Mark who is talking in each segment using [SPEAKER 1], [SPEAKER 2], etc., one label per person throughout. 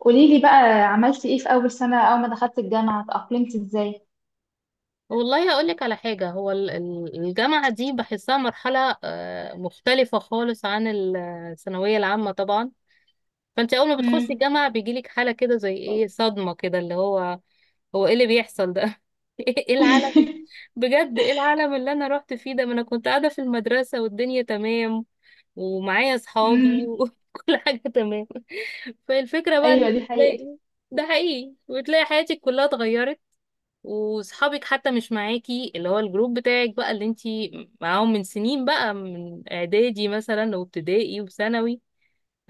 [SPEAKER 1] قولي لي بقى، عملتي ايه في اول سنة؟ اول ما دخلت الجامعة اتأقلمتي ازاي؟
[SPEAKER 2] والله هقول لك على حاجة. هو الجامعة دي بحسها مرحلة مختلفة خالص عن الثانوية العامة طبعا. فانت اول ما بتخشي
[SPEAKER 1] امم.
[SPEAKER 2] الجامعة بيجيلك حالة كده زي ايه، صدمة كده اللي هو ايه اللي بيحصل ده؟ ايه العالم؟ بجد ايه العالم اللي انا رحت فيه ده؟ ما انا كنت قاعدة في المدرسة والدنيا تمام ومعايا اصحابي
[SPEAKER 1] امم.
[SPEAKER 2] وكل حاجة تمام. فالفكرة بقى ان
[SPEAKER 1] ايوه دي
[SPEAKER 2] انت
[SPEAKER 1] حقيقة.
[SPEAKER 2] تلاقي ده حقيقي، وتلاقي حياتك كلها اتغيرت، وصحابك حتى مش معاكي، اللي هو الجروب بتاعك بقى اللي انتي معاهم من سنين بقى، من اعدادي مثلا وابتدائي وثانوي،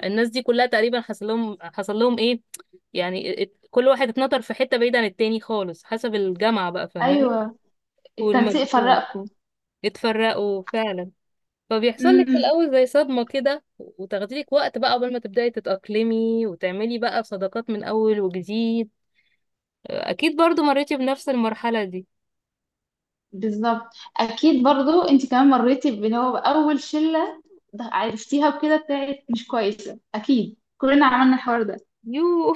[SPEAKER 2] الناس دي كلها تقريبا حصل لهم ايه، يعني كل واحد اتنطر في حتة بعيدة عن التاني خالص حسب الجامعة بقى، فاهماني؟
[SPEAKER 1] ايوه، التنسيق
[SPEAKER 2] والمجموع
[SPEAKER 1] فرقكم.
[SPEAKER 2] اتفرقوا فعلا. فبيحصل لك في
[SPEAKER 1] امم.
[SPEAKER 2] الاول زي صدمة كده، وتاخدي لك وقت بقى قبل ما تبدأي تتأقلمي وتعملي بقى صداقات من اول وجديد. اكيد برضو مريتي بنفس المرحلة دي.
[SPEAKER 1] بالظبط. اكيد برضو انت كمان مريتي اللي هو اول شلة عرفتيها وكده بتاعت مش كويسة، اكيد كلنا عملنا الحوار ده.
[SPEAKER 2] يو،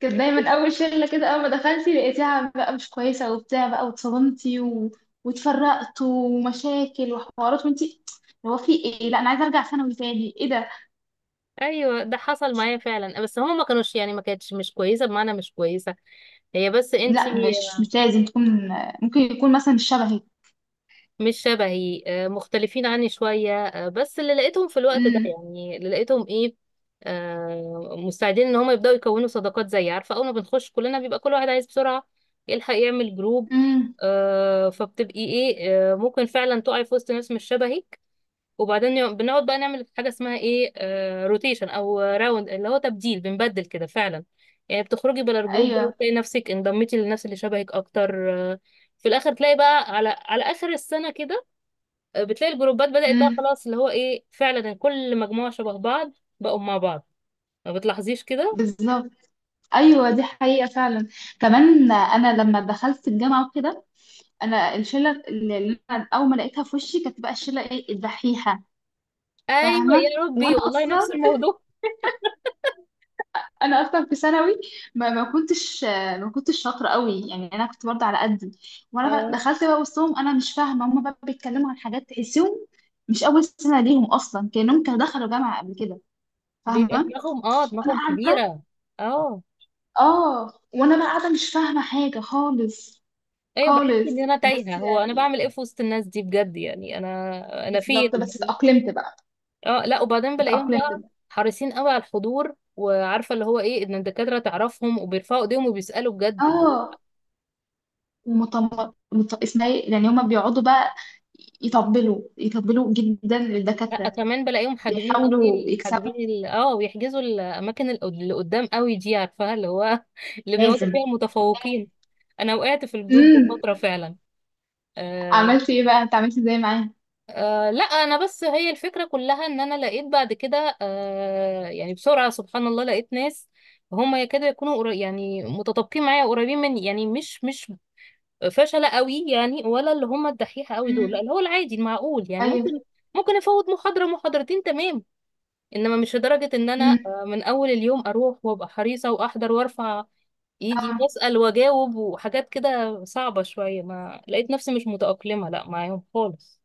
[SPEAKER 1] كانت دايما اول شله كده، اول ما دخلتي لقيتيها بقى مش كويسه وبتاع بقى واتصدمتي و... واتفرقتوا ومشاكل وحوارات، وانتي هو في ايه؟ لا انا عايزه ارجع ثانوي تاني، ايه ده؟
[SPEAKER 2] ايوه ده حصل معايا فعلا، بس هما ما كانوش يعني ما كانتش مش كويسه بمعنى مش كويسه هي، بس انتي
[SPEAKER 1] لا، مش لازم تكون. ممكن يكون مثلا مش شبهي.
[SPEAKER 2] مش شبهي، مختلفين عني شويه، بس اللي لقيتهم في الوقت ده،
[SPEAKER 1] امم.
[SPEAKER 2] يعني اللي لقيتهم ايه، مستعدين ان هما يبداوا يكونوا صداقات. زي عارفه، اول ما بنخش كلنا بيبقى كل واحد عايز بسرعه يلحق يعمل جروب،
[SPEAKER 1] امم.
[SPEAKER 2] فبتبقي ايه، ممكن فعلا تقعي في وسط ناس مش شبهي. وبعدين بنقعد بقى نعمل حاجه اسمها ايه، روتيشن او راوند، اللي هو تبديل، بنبدل كده فعلا. يعني بتخرجي بلا الجروب ده
[SPEAKER 1] ايوه.
[SPEAKER 2] وتلاقي نفسك انضميتي للناس اللي شبهك اكتر. في الاخر تلاقي بقى على على اخر السنه كده، بتلاقي الجروبات بدات بقى
[SPEAKER 1] امم.
[SPEAKER 2] خلاص، اللي هو ايه، فعلا كل مجموعه شبه بعض بقوا مع بعض. ما بتلاحظيش كده؟
[SPEAKER 1] بالظبط. ايوه دي حقيقه فعلا. كمان انا لما دخلت الجامعه وكده، انا الشله اللي انا اول ما لقيتها في وشي كانت بقى الشله ايه، الدحيحه.
[SPEAKER 2] ايوه
[SPEAKER 1] فاهمه،
[SPEAKER 2] يا ربي
[SPEAKER 1] وانا
[SPEAKER 2] والله
[SPEAKER 1] اصلا،
[SPEAKER 2] نفس الموضوع.
[SPEAKER 1] انا اصلا في ثانوي ما كنتش، ما كنتش شاطره قوي، يعني انا كنت برضه على قدي. وانا
[SPEAKER 2] اه،
[SPEAKER 1] دخلت بقى وسطهم، انا مش فاهمه، هم بقى بيتكلموا عن حاجات تحسهم مش اول سنه ليهم اصلا، كانهم كانوا دخلوا جامعه قبل كده.
[SPEAKER 2] بيبقى
[SPEAKER 1] فاهمه،
[SPEAKER 2] دماغهم، اه
[SPEAKER 1] وانا
[SPEAKER 2] دماغهم
[SPEAKER 1] قاعده.
[SPEAKER 2] كبيره. اه.
[SPEAKER 1] اه، وانا بقى قاعده مش فاهمه حاجه خالص.
[SPEAKER 2] ايوه بحس
[SPEAKER 1] خالص.
[SPEAKER 2] ان انا
[SPEAKER 1] بس
[SPEAKER 2] تايهه، هو انا
[SPEAKER 1] يعني،
[SPEAKER 2] بعمل ايه في وسط الناس دي بجد؟ يعني انا انا فين؟
[SPEAKER 1] بالظبط، بس اتاقلمت بقى.
[SPEAKER 2] اه لا، وبعدين بلاقيهم
[SPEAKER 1] اتاقلمت
[SPEAKER 2] بقى
[SPEAKER 1] بقى.
[SPEAKER 2] حريصين قوي على الحضور، وعارفه اللي هو ايه، ان الدكاتره تعرفهم وبيرفعوا ايديهم وبيسالوا بجد، اللي هو
[SPEAKER 1] اه، ومطم، اسمها إيه؟ يعني هما بيقعدوا بقى يطبلوا، يطبلوا جدا
[SPEAKER 2] لا
[SPEAKER 1] للدكاتره.
[SPEAKER 2] كمان بلاقيهم حاجزين
[SPEAKER 1] بيحاولوا
[SPEAKER 2] قوي،
[SPEAKER 1] يكسبوا،
[SPEAKER 2] حاجزين ويحجزوا الاماكن اللي قدام قوي دي، عارفاها اللي هو اللي بيقعدوا
[SPEAKER 1] لازم.
[SPEAKER 2] فيها متفوقين. انا وقعت في الجروب ده
[SPEAKER 1] امم.
[SPEAKER 2] فتره فعلا. آه،
[SPEAKER 1] عملت ايه بقى انت؟ عملت ازاي معاه؟
[SPEAKER 2] آه لا، انا بس هي الفكره كلها ان انا لقيت بعد كده آه يعني بسرعه، سبحان الله لقيت ناس هم يكادوا يكونوا يعني متطابقين معايا، قريبين مني، يعني مش فشله قوي يعني، ولا اللي هم الدحيحه قوي دول، لا
[SPEAKER 1] مم.
[SPEAKER 2] اللي هو العادي المعقول، يعني ممكن
[SPEAKER 1] ايوه.
[SPEAKER 2] ممكن افوت محاضره محاضرتين تمام، انما مش لدرجه ان انا
[SPEAKER 1] امم.
[SPEAKER 2] آه من اول اليوم اروح وابقى حريصه واحضر وارفع ايدي
[SPEAKER 1] اه.
[SPEAKER 2] واسال واجاوب وحاجات كده صعبه شويه. ما لقيت نفسي مش متاقلمه لا معاهم خالص.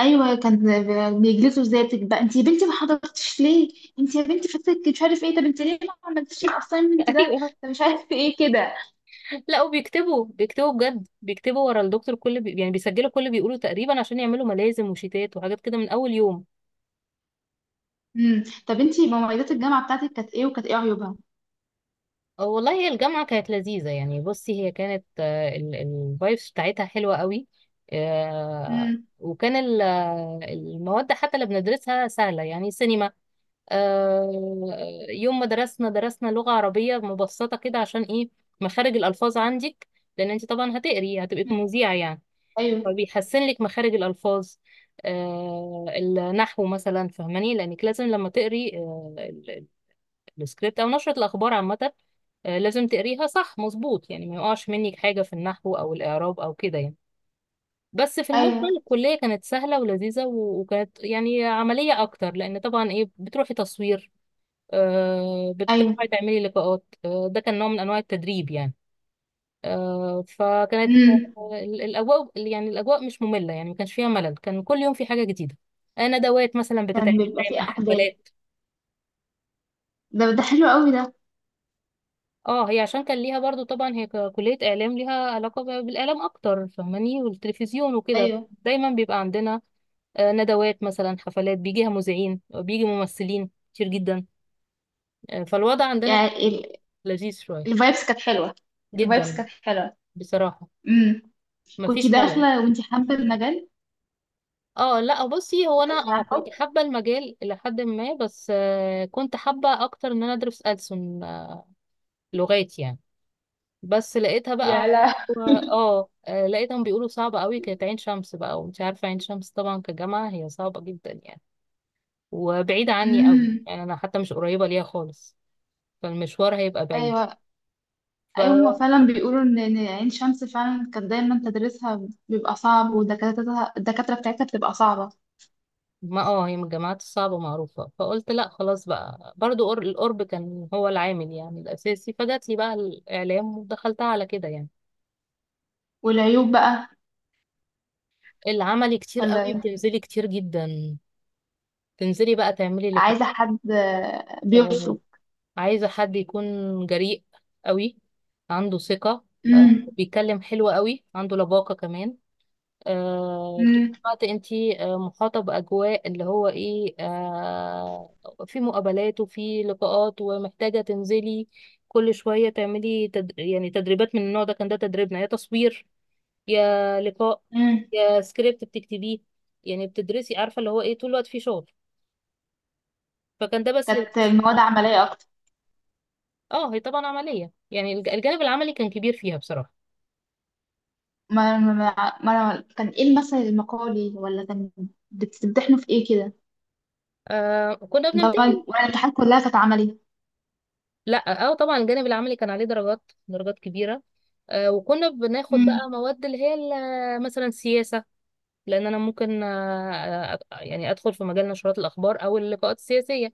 [SPEAKER 1] ايوه، كان بيجلسوا ازاي بقى، انت يا بنتي ما حضرتش ليه؟ انت يا بنتي فاتك مش عارف ايه، طب انت ليه ما عملتيش الاساينمنت ده؟
[SPEAKER 2] ايوه
[SPEAKER 1] طب مش عارف ايه كده.
[SPEAKER 2] لا، وبيكتبوا، بيكتبوا بجد ورا الدكتور كل يعني بيسجلوا كل بيقولوا تقريبا، عشان يعملوا ملازم وشيتات وحاجات كده من اول يوم.
[SPEAKER 1] امم. طب انت مميزات الجامعه بتاعتك كانت ايه، وكانت ايه عيوبها؟
[SPEAKER 2] أه والله هي الجامعة كانت لذيذة. يعني بصي، هي كانت الفايبس بتاعتها حلوة قوي، آه،
[SPEAKER 1] امم.
[SPEAKER 2] وكان المواد حتى اللي بندرسها سهلة، يعني سينما، آه، يوم ما درسنا لغة عربية مبسطة كده، عشان ايه، مخارج الألفاظ عندك، لأن انت طبعا هتقري هتبقي مذيعة يعني،
[SPEAKER 1] ايوه.
[SPEAKER 2] فبيحسن لك مخارج الألفاظ. آه النحو مثلا فهماني، لأنك لازم لما تقري آه السكريبت أو نشرة الأخبار عامة، آه لازم تقريها صح مظبوط، يعني ما يقعش منك حاجة في النحو أو الإعراب أو كده يعني. بس في المجمل
[SPEAKER 1] ايوه.
[SPEAKER 2] الكلية كانت سهلة ولذيذة، وكانت يعني عملية أكتر، لأن طبعا إيه، بتروحي تصوير، آه
[SPEAKER 1] ايوه.
[SPEAKER 2] بتروحي تعملي لقاءات، آه ده كان نوع من أنواع التدريب يعني. آه، فكانت
[SPEAKER 1] امم.
[SPEAKER 2] آه، الاجواء يعني الاجواء مش ممله، يعني ما كانش فيها ملل، كان كل يوم في حاجه جديده. ندوات مثلا
[SPEAKER 1] كان
[SPEAKER 2] بتتعمل،
[SPEAKER 1] بيبقى فيه
[SPEAKER 2] دايما
[SPEAKER 1] احداث،
[SPEAKER 2] حفلات.
[SPEAKER 1] ده حلو قوي ده.
[SPEAKER 2] اه، هي عشان كان ليها برضو طبعا هي كليه اعلام، ليها علاقه بالاعلام اكتر، فاهماني، والتلفزيون وكده،
[SPEAKER 1] ايوه
[SPEAKER 2] دايما بيبقى عندنا ندوات مثلا، حفلات، بيجيها مذيعين، بيجي ممثلين كتير جدا، فالوضع عندنا
[SPEAKER 1] يعني،
[SPEAKER 2] لذيذ شويه
[SPEAKER 1] الفايبس كانت حلوه. الفايبس
[SPEAKER 2] جدا
[SPEAKER 1] كانت حلوه.
[SPEAKER 2] بصراحه،
[SPEAKER 1] امم. كنت
[SPEAKER 2] مفيش ملل.
[SPEAKER 1] داخله وانتي حابه المجال؟
[SPEAKER 2] اه لا، بصي هو انا
[SPEAKER 1] بس
[SPEAKER 2] اه
[SPEAKER 1] عن
[SPEAKER 2] كنت
[SPEAKER 1] حب.
[SPEAKER 2] حابه المجال الى حد ما، بس كنت حابه اكتر ان انا ادرس ألسن، لغات يعني. بس لقيتها
[SPEAKER 1] يا
[SPEAKER 2] بقى،
[SPEAKER 1] لا.
[SPEAKER 2] اه لقيتهم بيقولوا صعبه قوي كانت عين شمس بقى، ومش عارفه عين شمس طبعا كجامعه هي صعبه جدا يعني، وبعيده عني قوي
[SPEAKER 1] امم.
[SPEAKER 2] يعني، انا حتى مش قريبه ليها خالص، فالمشوار هيبقى بعيد.
[SPEAKER 1] ايوه.
[SPEAKER 2] ف
[SPEAKER 1] ايوه هما فعلا بيقولوا ان إن عين شمس فعلا كانت دايما تدريسها بيبقى صعب، ودكاترتها الدكاتره بتاعتها بتبقى صعبه.
[SPEAKER 2] ما اه هي من الجامعات الصعبة معروفة، فقلت لا خلاص بقى برضو القرب كان هو العامل يعني الأساسي، فجات لي بقى الإعلام ودخلتها على كده يعني.
[SPEAKER 1] والعيوب بقى؟
[SPEAKER 2] العملي كتير
[SPEAKER 1] ولا
[SPEAKER 2] قوي،
[SPEAKER 1] ايه؟
[SPEAKER 2] بتنزلي كتير جدا، تنزلي بقى تعملي اللي كنت
[SPEAKER 1] عايزه حد
[SPEAKER 2] آه،
[SPEAKER 1] بيفرق.
[SPEAKER 2] عايزة. حد يكون جريء قوي، عنده ثقة،
[SPEAKER 1] امم.
[SPEAKER 2] بيتكلم حلو قوي، عنده لباقة كمان، طول
[SPEAKER 1] امم.
[SPEAKER 2] الوقت انتي محاطة بأجواء اللي هو ايه، في مقابلات وفي لقاءات، ومحتاجة تنزلي كل شوية تعملي يعني تدريبات من النوع ده. كان ده تدريبنا، يا تصوير يا لقاء
[SPEAKER 1] امم.
[SPEAKER 2] يا سكريبت بتكتبيه، يعني بتدرسي، عارفه اللي هو ايه، طول الوقت فيه شغل. فكان ده بس
[SPEAKER 1] كانت
[SPEAKER 2] للناس.
[SPEAKER 1] المواد عمليه اكتر؟
[SPEAKER 2] اه هي طبعا عمليه، يعني الجانب العملي كان كبير فيها بصراحه.
[SPEAKER 1] كان ايه المثل المقالي، ولا كان بتمتحنوا في ايه كده؟
[SPEAKER 2] آه كنا
[SPEAKER 1] ده،
[SPEAKER 2] بنمتحن.
[SPEAKER 1] ولا الامتحانات كلها كانت عملي؟
[SPEAKER 2] لا اه طبعا الجانب العملي كان عليه درجات، درجات كبيره. آه وكنا بناخد بقى
[SPEAKER 1] امم.
[SPEAKER 2] مواد اللي هي مثلا سياسه، لان انا ممكن يعني ادخل في مجال نشرات الاخبار او اللقاءات السياسيه،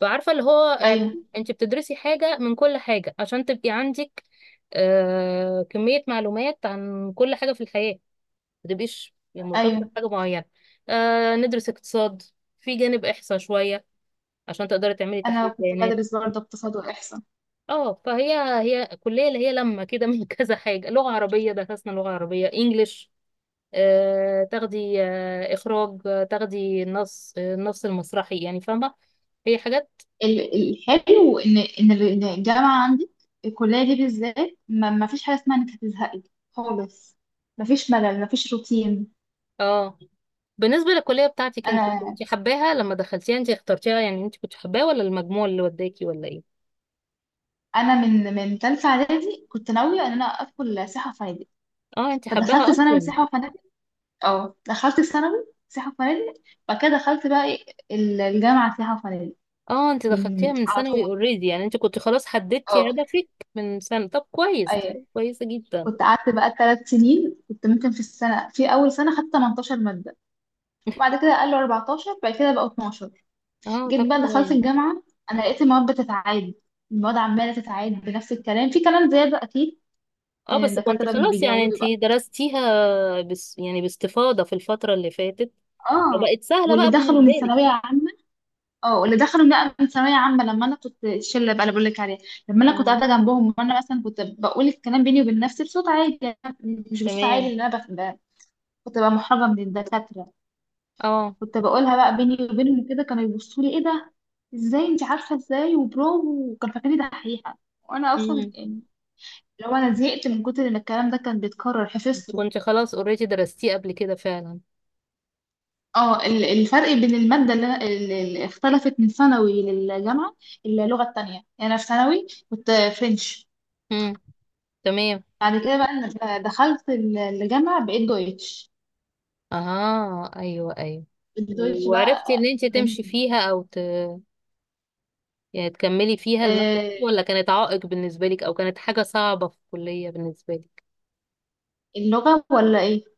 [SPEAKER 2] فعارفة اللي هو علم،
[SPEAKER 1] ايوه.
[SPEAKER 2] انت بتدرسي حاجة من كل حاجة عشان تبقي عندك آه كمية معلومات عن كل حاجة في الحياة، ما تبقيش يعني مرتبطة
[SPEAKER 1] ايوه.
[SPEAKER 2] بحاجة معينة. آه ندرس اقتصاد، في جانب احصاء شوية عشان تقدري تعملي
[SPEAKER 1] انا
[SPEAKER 2] تحليل
[SPEAKER 1] كنت
[SPEAKER 2] بيانات.
[SPEAKER 1] بدرس برضه اقتصاد واحصاء.
[SPEAKER 2] اه فهي هي كلية اللي هي لما كده من كذا حاجة، لغة عربية، درسنا لغة عربية، انجليش، آه تاخدي آه اخراج، آه تاخدي النص، النص المسرحي، يعني فاهمة هي حاجات.
[SPEAKER 1] الحلو ان إن الجامعه عندي، الكليه دي بالذات ما ما فيش حاجه اسمها انك هتزهقي خالص. ما فيش ملل، ما فيش روتين.
[SPEAKER 2] اه. بالنسبة للكلية بتاعتك انت،
[SPEAKER 1] انا،
[SPEAKER 2] كنت حباها لما دخلتيها؟ انت اخترتيها يعني، انت كنت حباها ولا المجموع اللي وداكي ولا ايه؟
[SPEAKER 1] انا من ثالثه اعدادي كنت ناويه ان انا ادخل سياحه وفنادق.
[SPEAKER 2] اه انت
[SPEAKER 1] فدخلت
[SPEAKER 2] حباها
[SPEAKER 1] ثانوي
[SPEAKER 2] اصلا.
[SPEAKER 1] سياحه وفنادق. اه، دخلت ثانوي سياحه وفنادق. بعد كده دخلت بقى إيه، الجامعه سياحه وفنادق.
[SPEAKER 2] اه انت دخلتيها
[SPEAKER 1] من
[SPEAKER 2] من
[SPEAKER 1] على
[SPEAKER 2] ثانوي
[SPEAKER 1] طول.
[SPEAKER 2] اوريدي يعني، انت كنت خلاص حددتي
[SPEAKER 1] اه.
[SPEAKER 2] هدفك من سنة، طب كويس،
[SPEAKER 1] ايوه.
[SPEAKER 2] كويسة جدا.
[SPEAKER 1] كنت قعدت بقى 3 سنين. كنت ممكن في السنه، في اول سنه خدت 18 ماده، وبعد كده قالوا 14، بعد كده بقوا 12.
[SPEAKER 2] اه طب
[SPEAKER 1] جيت بقى دخلت
[SPEAKER 2] كويس.
[SPEAKER 1] الجامعة، أنا لقيت المواد بتتعاد، المواد عمالة تتعاد بنفس الكلام، في كلام زيادة أكيد
[SPEAKER 2] اه
[SPEAKER 1] من
[SPEAKER 2] بس
[SPEAKER 1] الدكاترة
[SPEAKER 2] كنت
[SPEAKER 1] لما
[SPEAKER 2] خلاص يعني انت
[SPEAKER 1] بيجودوا بقى.
[SPEAKER 2] درستيها بس يعني باستفاضة في الفترة اللي فاتت،
[SPEAKER 1] اه،
[SPEAKER 2] فبقت سهلة
[SPEAKER 1] واللي
[SPEAKER 2] بقى
[SPEAKER 1] دخلوا من
[SPEAKER 2] بالنسبة لك.
[SPEAKER 1] ثانوية عامة، اه واللي دخلوا بقى من ثانوية عامة، لما أنا كنت الشلة بقى اللي بقول لك عليها، لما أنا كنت
[SPEAKER 2] اه.
[SPEAKER 1] قاعدة جنبهم وأنا مثلا كنت بقول الكلام بيني وبين نفسي بصوت عالي، يعني مش بصوت عالي،
[SPEAKER 2] تمام.
[SPEAKER 1] اللي أنا كنت بقى محرجة من الدكاترة.
[SPEAKER 2] اه.
[SPEAKER 1] كنت بقولها بقى بيني وبينهم كده، كانوا يبصوا لي ايه ده، ازاي انت عارفه ازاي، وبرافو، وكان فاكرني دحيحه وانا اصلا
[SPEAKER 2] امم.
[SPEAKER 1] يعني، لو انا زهقت من كتر ان الكلام ده كان بيتكرر حفظته.
[SPEAKER 2] كنت خلاص اوريدي درستيه قبل كده فعلا.
[SPEAKER 1] اه، الفرق بين الماده اللي اختلفت من ثانوي للجامعه، اللغه التانية. يعني انا في ثانوي كنت فرنش.
[SPEAKER 2] امم. تمام.
[SPEAKER 1] بعد كده بقى أنا دخلت الجامعه بقيت دويتش.
[SPEAKER 2] اه ايوه ايوه.
[SPEAKER 1] الدويتش
[SPEAKER 2] وعرفتي
[SPEAKER 1] بقى،
[SPEAKER 2] ان انت تمشي
[SPEAKER 1] جميل.
[SPEAKER 2] فيها او يعني تكملي فيها المادة
[SPEAKER 1] آه،
[SPEAKER 2] دي، ولا كانت عائق بالنسبة لك، او كانت حاجة صعبة في الكلية بالنسبة لك؟
[SPEAKER 1] اللغه ولا ايه؟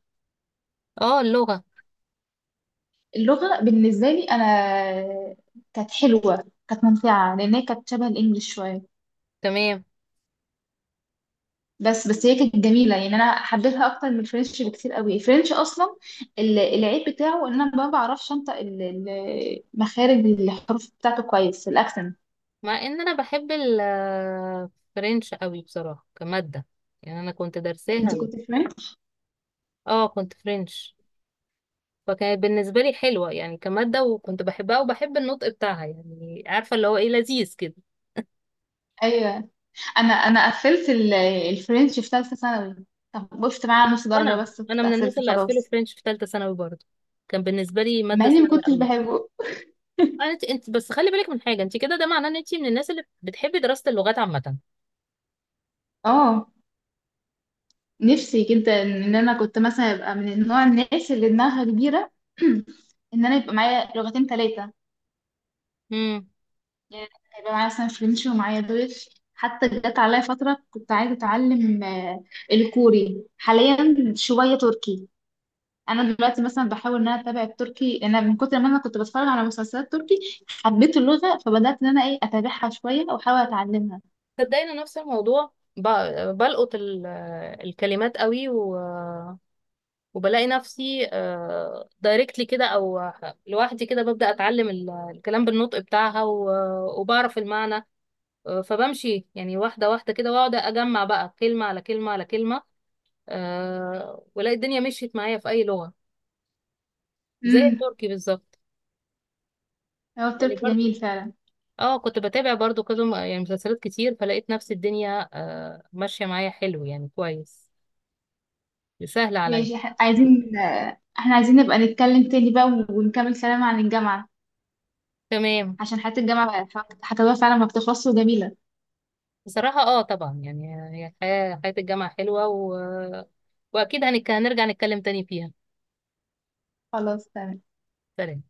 [SPEAKER 2] اه اللغة.
[SPEAKER 1] اللغة بالنسبة لي أنا كانت حلوة، كانت ممتعة، لأن هي كانت شبه الإنجليش شوية.
[SPEAKER 2] تمام.
[SPEAKER 1] بس هي كانت جميلة، يعني أنا حبيتها أكتر من الفرنش بكتير قوي. الفرنش أصلا، العيب بتاعه إن أنا ما بعرفش أنطق مخارج الحروف بتاعته كويس، الأكسنت.
[SPEAKER 2] مع ان انا بحب الفرنش قوي بصراحة، كمادة يعني، انا كنت درساها
[SPEAKER 1] أنت كنت فرنش؟
[SPEAKER 2] اه كنت فرنش، فكانت بالنسبة لي حلوة يعني كمادة، وكنت بحبها، وبحب النطق بتاعها، يعني عارفة اللي هو ايه، لذيذ كده.
[SPEAKER 1] أيوه. أنا قفلت الفرنش في ثالثة ثانوي، طب وقفت معاه على نص درجة
[SPEAKER 2] وانا
[SPEAKER 1] بس
[SPEAKER 2] انا
[SPEAKER 1] كنت
[SPEAKER 2] من الناس
[SPEAKER 1] قفلت
[SPEAKER 2] اللي قفلوا
[SPEAKER 1] خلاص.
[SPEAKER 2] فرنش في ثالثة ثانوي برضه، كان بالنسبة لي
[SPEAKER 1] مع
[SPEAKER 2] مادة
[SPEAKER 1] إني ما
[SPEAKER 2] سهلة
[SPEAKER 1] كنتش
[SPEAKER 2] قوي.
[SPEAKER 1] بحبه.
[SPEAKER 2] انت بس خلي بالك من حاجه، انت كده ده معناه ان انت من الناس اللي بتحبي دراسه اللغات عامه.
[SPEAKER 1] اه، نفسي جدا ان انا كنت مثلا ابقى من النوع، الناس اللي دماغها كبيره. ان انا يبقى معايا لغتين، ثلاثه
[SPEAKER 2] امم.
[SPEAKER 1] يعني. يبقى معايا مثلا فرنش ومعايا دويتش، حتى جت عليا فتره كنت عايزه اتعلم الكوري، حاليا شويه تركي. انا دلوقتي مثلا بحاول ان انا اتابع التركي، انا من كتر ما انا كنت بتفرج على مسلسلات تركي حبيت اللغه، فبدات ان انا ايه اتابعها شويه واحاول اتعلمها.
[SPEAKER 2] صدقني أنا نفس الموضوع، بلقط الكلمات قوي، و... وبلاقي نفسي دايركتلي كده او لوحدي كده ببدأ اتعلم الكلام بالنطق بتاعها، و... وبعرف المعنى. فبمشي يعني واحده واحده كده، واقعد اجمع بقى كلمه على كلمه على كلمه، والاقي الدنيا مشيت معايا في اي لغه، زي
[SPEAKER 1] امم.
[SPEAKER 2] التركي بالظبط،
[SPEAKER 1] هو
[SPEAKER 2] يعني
[SPEAKER 1] التركي
[SPEAKER 2] برضو.
[SPEAKER 1] جميل فعلا.
[SPEAKER 2] اه كنت بتابع برضو كده يعني مسلسلات كتير، فلقيت نفس الدنيا آه ماشية معايا حلو يعني كويس، سهل عليا.
[SPEAKER 1] ماشي، عايزين احنا عايزين نبقى نتكلم تاني بقى ونكمل كلام عن الجامعة،
[SPEAKER 2] تمام.
[SPEAKER 1] عشان حياة الجامعة حكاويها فعلا ما بتخلصش وجميلة.
[SPEAKER 2] بصراحة اه طبعا يعني، هي حياة الجامعة حلوة، و... واكيد هنرجع نتكلم تاني فيها.
[SPEAKER 1] خلاص تمام.
[SPEAKER 2] سلام.